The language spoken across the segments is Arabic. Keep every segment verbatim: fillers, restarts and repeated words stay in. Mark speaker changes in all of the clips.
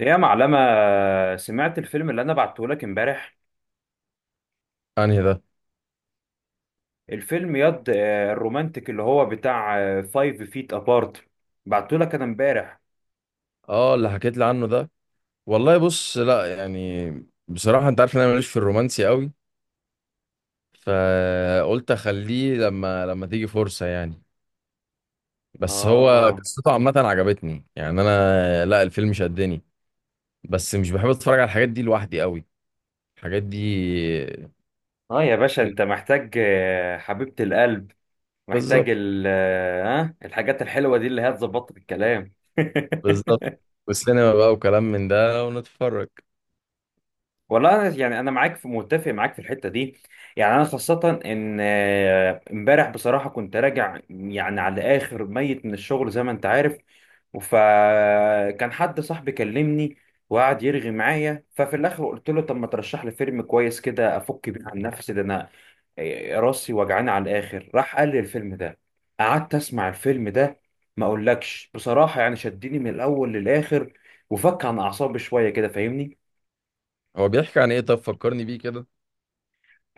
Speaker 1: يا معلمة، سمعت الفيلم اللي أنا بعته لك امبارح.
Speaker 2: انهي ده؟
Speaker 1: الفيلم يد آه، الرومانتيك اللي هو بتاع فايف فيت أبارت. بعته لك أنا امبارح.
Speaker 2: اه، اللي حكيت لي عنه ده. والله بص، لا يعني، بصراحة انت عارف ان انا ماليش في الرومانسي قوي. فقلت اخليه لما لما تيجي فرصة يعني. بس هو
Speaker 1: آه.
Speaker 2: قصته عامة عجبتني، يعني انا، لا، الفيلم شدني. بس مش بحب اتفرج على الحاجات دي لوحدي قوي، الحاجات دي.
Speaker 1: آه، يا باشا أنت محتاج آه، حبيبة القلب. محتاج
Speaker 2: بالظبط،
Speaker 1: ال آه، ها الحاجات الحلوة دي اللي هي تظبط الكلام.
Speaker 2: بالظبط. والسينما بقى وكلام من ده ونتفرج.
Speaker 1: والله انا يعني انا معاك في متفق معاك في الحته دي. يعني انا خاصه ان آه، امبارح بصراحه كنت راجع يعني على اخر ميت من الشغل، زي ما انت عارف. فكان حد صاحبي كلمني وقعد يرغي معايا، ففي الاخر قلت له طب ما ترشح لي فيلم كويس كده افك بيه عن نفسي، ده انا آه، راسي وجعانه على الاخر. راح قال لي الفيلم ده. قعدت اسمع الفيلم ده، ما اقولكش بصراحه، يعني شدني من الاول للاخر وفك عن اعصابي شويه كده، فاهمني؟
Speaker 2: هو بيحكي عن ايه؟ طب فكرني بيه كده.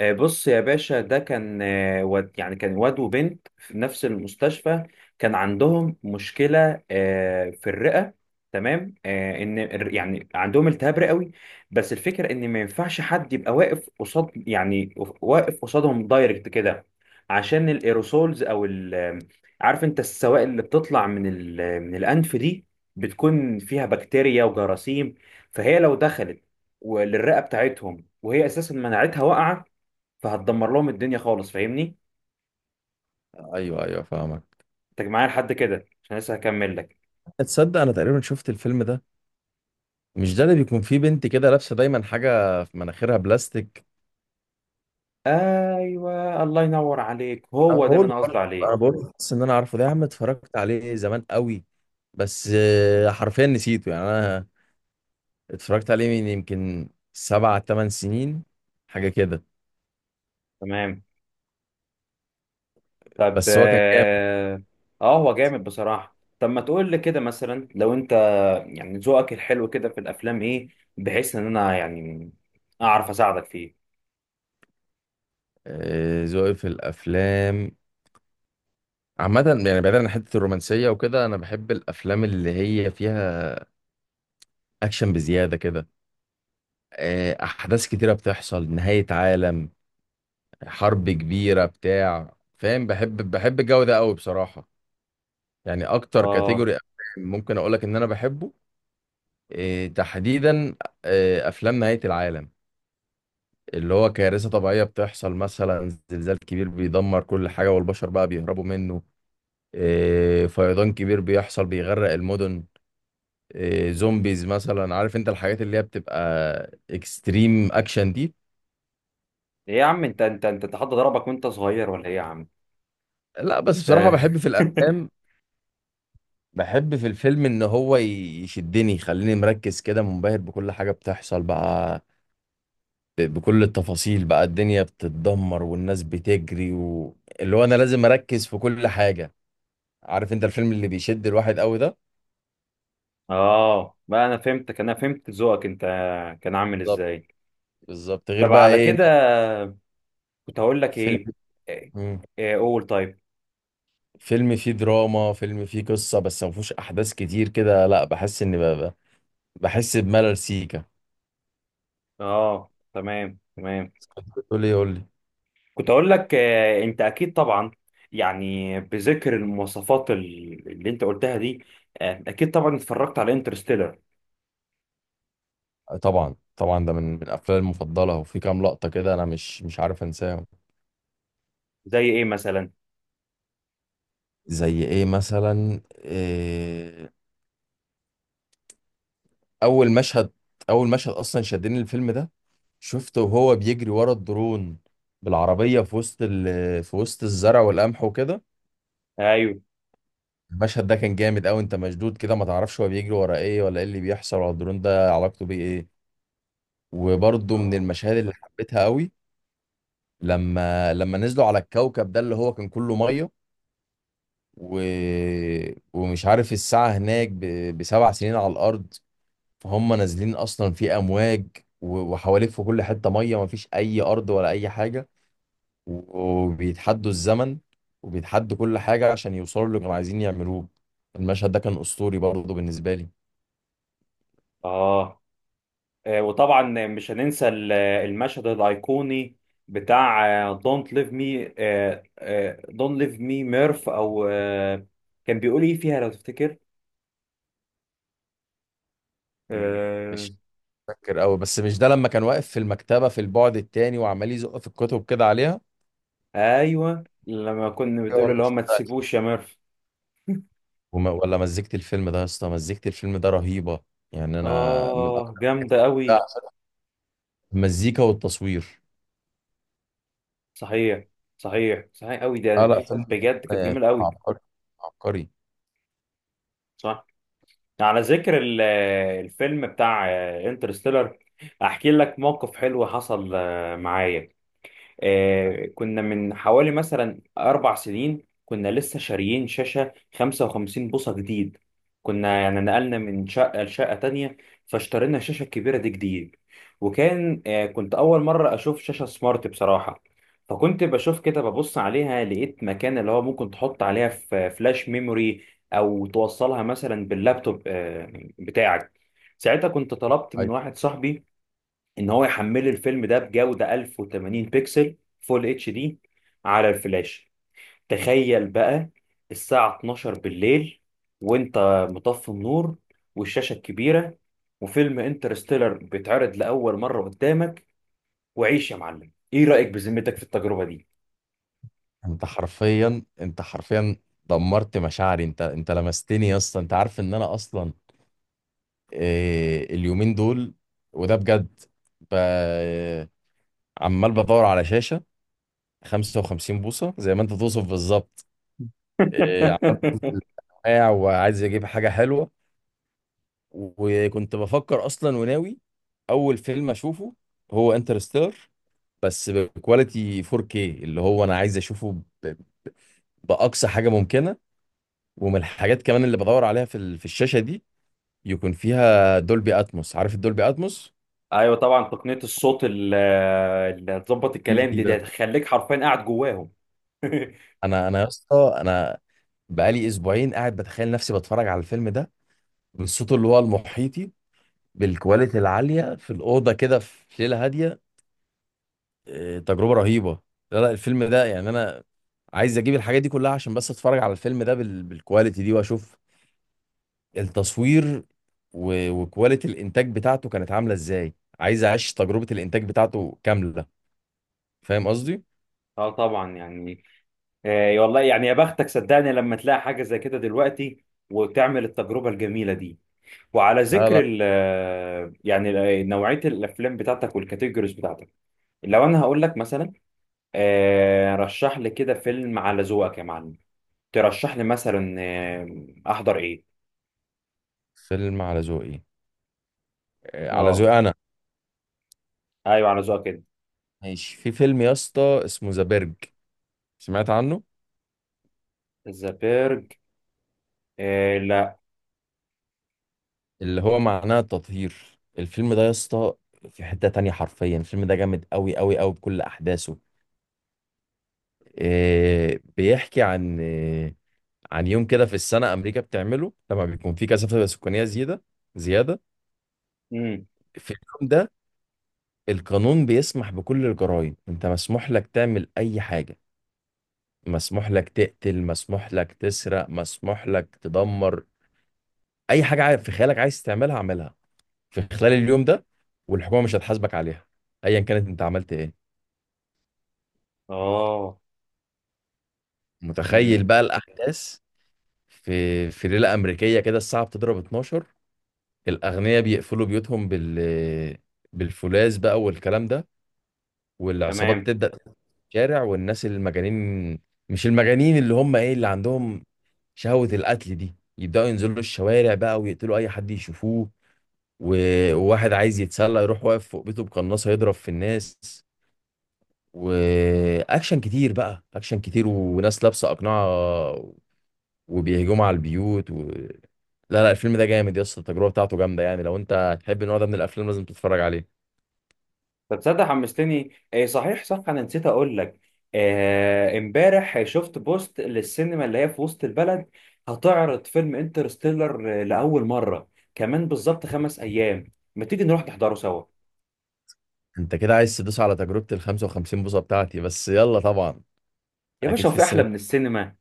Speaker 1: آه، بص يا باشا، ده كان آه، واد يعني كان واد وبنت في نفس المستشفى. كان عندهم مشكلة آه، في الرئة. تمام. آه، ان الر- يعني عندهم التهاب رئوي. بس الفكرة ان ما ينفعش حد يبقى واقف قصاد، يعني واقف قصادهم دايركت كده، عشان الايروسولز او ال- عارف انت السوائل اللي بتطلع من ال- من الانف دي، بتكون فيها بكتيريا وجراثيم. فهي لو دخلت و- للرئة بتاعتهم وهي اساسا مناعتها واقعة، فهتدمر لهم الدنيا خالص، فاهمني؟
Speaker 2: ايوه، ايوه، فاهمك.
Speaker 1: انت معايا لحد كده؟ عشان لسه هكمل لك.
Speaker 2: تصدق انا تقريبا شفت الفيلم ده. مش ده اللي بيكون فيه بنت كده لابسه دايما حاجه في مناخيرها بلاستيك؟
Speaker 1: ايوه، الله ينور عليك،
Speaker 2: انا
Speaker 1: هو ده اللي
Speaker 2: بقول
Speaker 1: انا قصدي
Speaker 2: برضه، انا
Speaker 1: عليه.
Speaker 2: بقول بس ان انا عارفه ده يا عم، اتفرجت عليه زمان قوي. بس آه، حرفيا نسيته يعني انا. اتفرجت عليه من يمكن سبع تمن سنين، حاجه كده.
Speaker 1: تمام. طب
Speaker 2: بس هو كان جامد.
Speaker 1: اه. آه، هو جامد بصراحه. طب ما تقول لي كده مثلا، لو انت يعني ذوقك الحلو كده في الافلام ايه، بحيث ان انا يعني اعرف اساعدك فيه.
Speaker 2: آه، ذوقي في الافلام عامة، يعني بعيدا عن حتة الرومانسية وكده، أنا بحب الأفلام اللي هي فيها أكشن بزيادة كده. آه، أحداث كتيرة بتحصل، نهاية عالم، حرب كبيرة، بتاع فاهم، بحب بحب الجو ده قوي بصراحة. يعني اكتر
Speaker 1: اه.
Speaker 2: كاتيجوري ممكن اقول لك ان انا بحبه، إيه تحديدا؟ إيه، افلام نهاية العالم، اللي هو كارثة طبيعية بتحصل، مثلا زلزال كبير بيدمر كل حاجة والبشر بقى بيهربوا منه، إيه، فيضان كبير بيحصل بيغرق المدن، إيه، زومبيز مثلا. عارف انت الحاجات اللي هي بتبقى اكستريم اكشن دي.
Speaker 1: ايه يا عم، انت انت انت حد ضربك وانت صغير ولا ايه؟ يا عم
Speaker 2: لا، بس بصراحة
Speaker 1: انت.
Speaker 2: بحب في الافلام، بحب في الفيلم ان هو يشدني، يخليني مركز كده منبهر بكل حاجة بتحصل بقى، ب- بكل التفاصيل بقى، الدنيا بتتدمر والناس بتجري و... اللي هو انا لازم اركز في كل حاجة، عارف انت الفيلم اللي بيشد الواحد قوي ده.
Speaker 1: اه بقى، انا فهمتك، انا فهمت ذوقك. انت كان عامل
Speaker 2: بالظبط،
Speaker 1: ازاي؟
Speaker 2: بالظبط. غير
Speaker 1: طب
Speaker 2: بقى
Speaker 1: على
Speaker 2: ايه إن
Speaker 1: كده كنت هقول لك
Speaker 2: فيلم
Speaker 1: ايه. إيه-
Speaker 2: مم.
Speaker 1: إيه، قول طيب.
Speaker 2: فيلم فيه دراما، فيلم فيه قصة بس ما فيهوش احداث كتير كده، لا، بحس ان ب... ب- بحس بملل سيكا.
Speaker 1: اه تمام تمام.
Speaker 2: تقول لي يقول لي.
Speaker 1: كنت هقول لك آه، انت اكيد طبعا، يعني بذكر المواصفات ال- اللي انت قلتها دي، آه، اكيد طبعا اتفرجت على انترستيلر.
Speaker 2: طبعا، طبعا ده من من افلامي المفضلة، وفي كام لقطة كده انا مش مش عارف انساهم.
Speaker 1: زي ايه مثلا؟
Speaker 2: زي ايه مثلا؟ إيه، اول مشهد، اول مشهد اصلا شدني الفيلم ده، شفته وهو بيجري ورا الدرون بالعربية في وسط ال... في وسط الزرع والقمح وكده.
Speaker 1: ايوه.
Speaker 2: المشهد ده كان جامد قوي، انت مشدود كده ما تعرفش هو بيجري ورا ايه، ولا ايه اللي بيحصل، ولا الدرون ده علاقته بيه ايه. وبرضه من
Speaker 1: اه.
Speaker 2: المشاهد اللي حبيتها قوي لما لما نزلوا على الكوكب ده اللي هو كان كله ميه، و... ومش عارف الساعة هناك ب... بسبع سنين على الأرض، فهم نازلين اصلا في امواج، و- وحواليك في كل حته ميه، ما فيش اي ارض ولا اي حاجه، و- وبيتحدوا الزمن، وبيتحدوا كل حاجه عشان يوصلوا اللي كانوا عايزين يعملوه. المشهد ده كان اسطوري برضه بالنسبه لي.
Speaker 1: اه. آه، وطبعا مش هننسى ال- المشهد الايقوني بتاع دونت ليف مي. دونت ليف مي ميرف، او آه، كان بيقول ايه فيها لو تفتكر؟
Speaker 2: مم.
Speaker 1: آه،
Speaker 2: ماشي. فاكر قوي، بس مش ده لما كان واقف في المكتبه في البعد التاني وعمال يزق في الكتب كده عليها؟
Speaker 1: ايوه، لما كنا
Speaker 2: أيوة،
Speaker 1: بتقول اللي هو
Speaker 2: المشهد
Speaker 1: ما
Speaker 2: ده.
Speaker 1: تسيبوش يا ميرف.
Speaker 2: وما- ولا مزجت الفيلم ده يا اسطى، مزجت الفيلم ده رهيبه، يعني انا من اكتر
Speaker 1: اه جامده قوي.
Speaker 2: المزيكا والتصوير.
Speaker 1: صحيح. صحيح صحيح قوي
Speaker 2: اه،
Speaker 1: ده.
Speaker 2: لا سلمى،
Speaker 1: بجد كانت
Speaker 2: آه،
Speaker 1: جميله قوي.
Speaker 2: عبقري، عبقري.
Speaker 1: صح. على ذكر ال- الفيلم بتاع انترستيلر، احكي لك موقف حلو حصل آه، معايا. آه، كنا من حوالي مثلا أربع سنين، كنا لسه شاريين شاشة 55 بوصة جديد. كنا يعني نقلنا من شقة لشقة تانية، فاشترينا الشاشة الكبيرة دي جديد. وكان آه، كنت أول مرة أشوف شاشة سمارت بصراحة. فكنت بشوف كده، ببص عليها لقيت مكان اللي هو ممكن تحط عليها ف- فلاش ميموري، أو توصلها مثلا باللابتوب آه، بتاعك. ساعتها كنت طلبت
Speaker 2: أيوة.
Speaker 1: من واحد صاحبي ان هو يحمل لي الفيلم ده بجودة 1080 بكسل فول اتش دي على الفلاش. تخيل بقى، الساعة اتناشر بالليل، وانت مطفي النور، والشاشة الكبيرة، وفيلم انترستيلر بيتعرض لأول مرة قدامك، وعيش يا معلم! ايه رأيك بذمتك في التجربة دي؟
Speaker 2: انت حرفيا انت حرفيا دمرت مشاعري، انت انت لمستني يا اسطى. انت عارف ان انا اصلا، آه، اليومين دول، وده بجد، ب... عمال بدور على شاشه خمسة وخمسين بوصه زي ما انت توصف بالظبط. آه، عمال واقع وعايز اجيب حاجه حلوه. وكنت بفكر اصلا وناوي اول فيلم اشوفه هو انترستيلر، بس بكواليتي فور كيه، اللي هو انا عايز اشوفه باقصى حاجه ممكنه. ومن الحاجات كمان اللي بدور عليها في ال- في الشاشه دي، يكون فيها دولبي اتموس. عارف الدولبي اتموس
Speaker 1: ايوه طبعا، تقنية الصوت ال- اللي هتظبط
Speaker 2: في
Speaker 1: الكلام
Speaker 2: دي
Speaker 1: دي، ده
Speaker 2: ده.
Speaker 1: هتخليك حرفيا قاعد جواهم.
Speaker 2: انا انا يا اسطى، انا بقالي اسبوعين قاعد بتخيل نفسي بتفرج على الفيلم ده بالصوت اللي هو المحيطي، بالكواليتي العاليه في الاوضه كده في ليله هاديه. إيه، تجربه رهيبه. لا، لا، الفيلم ده يعني انا عايز اجيب الحاجات دي كلها عشان بس اتفرج على الفيلم ده بال... بالكواليتي دي، واشوف التصوير و- وكواليتي الانتاج بتاعته كانت عامله ازاي. عايز اعيش تجربه الانتاج بتاعته كامله، فاهم قصدي.
Speaker 1: اه طبعا يعني، آه، والله يعني يا بختك، صدقني لما تلاقي حاجة زي كده دلوقتي وتعمل التجربة الجميلة دي. وعلى
Speaker 2: لا،
Speaker 1: ذكر
Speaker 2: لا،
Speaker 1: ال آه، يعني ال- آه، نوعية الأفلام بتاعتك والكاتيجوريز بتاعتك، لو أنا هقول لك مثلا آه، رشح لي كده فيلم على ذوقك يا معلم، ترشح لي مثلا آه، أحضر إيه؟
Speaker 2: فيلم على ذوقي، آه، على
Speaker 1: أه.
Speaker 2: ذوقي انا.
Speaker 1: أيوه على ذوقك كده.
Speaker 2: ماشي، في فيلم يا اسطى اسمه ذا برج، سمعت عنه؟
Speaker 1: ذا بيرج؟ آه لا.
Speaker 2: اللي هو معناه التطهير. الفيلم ده يا اسطى في حته تانية، حرفيا الفيلم ده جامد قوي قوي قوي بكل احداثه. آه، بيحكي عن آه، عن يوم كده في السنه امريكا بتعمله لما بيكون في كثافه سكانيه زياده، زياده.
Speaker 1: مم.
Speaker 2: في اليوم ده القانون بيسمح بكل الجرائم، انت مسموح لك تعمل اي حاجة، مسموح لك تقتل، مسموح لك تسرق، مسموح لك تدمر، اي حاجة عا- في خيالك عايز تعملها اعملها في خلال اليوم ده، والحكومة مش هتحاسبك عليها ايا كانت انت عملت ايه.
Speaker 1: أه.
Speaker 2: متخيل
Speaker 1: مم.
Speaker 2: بقى الاحداث. في في ليلة امريكية كده الساعة بتضرب اتناشر، الاغنياء بيقفلوا بيوتهم بال بالفولاذ بقى والكلام ده، والعصابات
Speaker 1: تمام.
Speaker 2: تبدأ في الشارع، والناس المجانين، مش المجانين، اللي هم ايه، اللي عندهم شهوة القتل دي، يبدأوا ينزلوا الشوارع بقى ويقتلوا أي حد يشوفوه، و- وواحد عايز يتسلى يروح واقف فوق بيته بقناصة يضرب في الناس، وأكشن كتير بقى، أكشن كتير، وناس لابسة أقنعة وبيهجموا على البيوت و... لا، لا، الفيلم ده جامد يا اسطى، التجربة بتاعته جامدة، يعني لو أنت تحب النوع ده من الأفلام لازم تتفرج عليه.
Speaker 1: طب تصدق حمستني؟ إيه صحيح، صح، انا نسيت اقول لك. آه، امبارح شفت بوست للسينما اللي هي في وسط البلد، هتعرض فيلم انترستيلر لاول مره كمان بالظبط خمس ايام. ما تيجي نروح نحضره سوا؟
Speaker 2: أنت كده عايز تدوس على تجربة ال خمسة وخمسين بوصة بتاعتي؟ بس يلا طبعا.
Speaker 1: يا
Speaker 2: أكيد
Speaker 1: باشا، هو
Speaker 2: في
Speaker 1: في احلى
Speaker 2: السينما.
Speaker 1: من السينما؟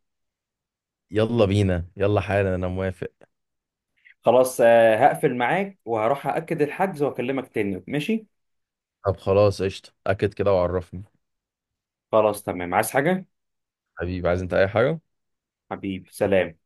Speaker 2: يلا بينا، يلا حالا، أنا موافق.
Speaker 1: خلاص، آه، هقفل معاك وهروح اكد الحجز واكلمك تاني، ماشي؟
Speaker 2: طب خلاص قشطة، أكد كده وعرفني.
Speaker 1: خلاص تمام. عايز حاجه؟
Speaker 2: حبيبي، عايز انت اي حاجة؟
Speaker 1: حبيبي سلام.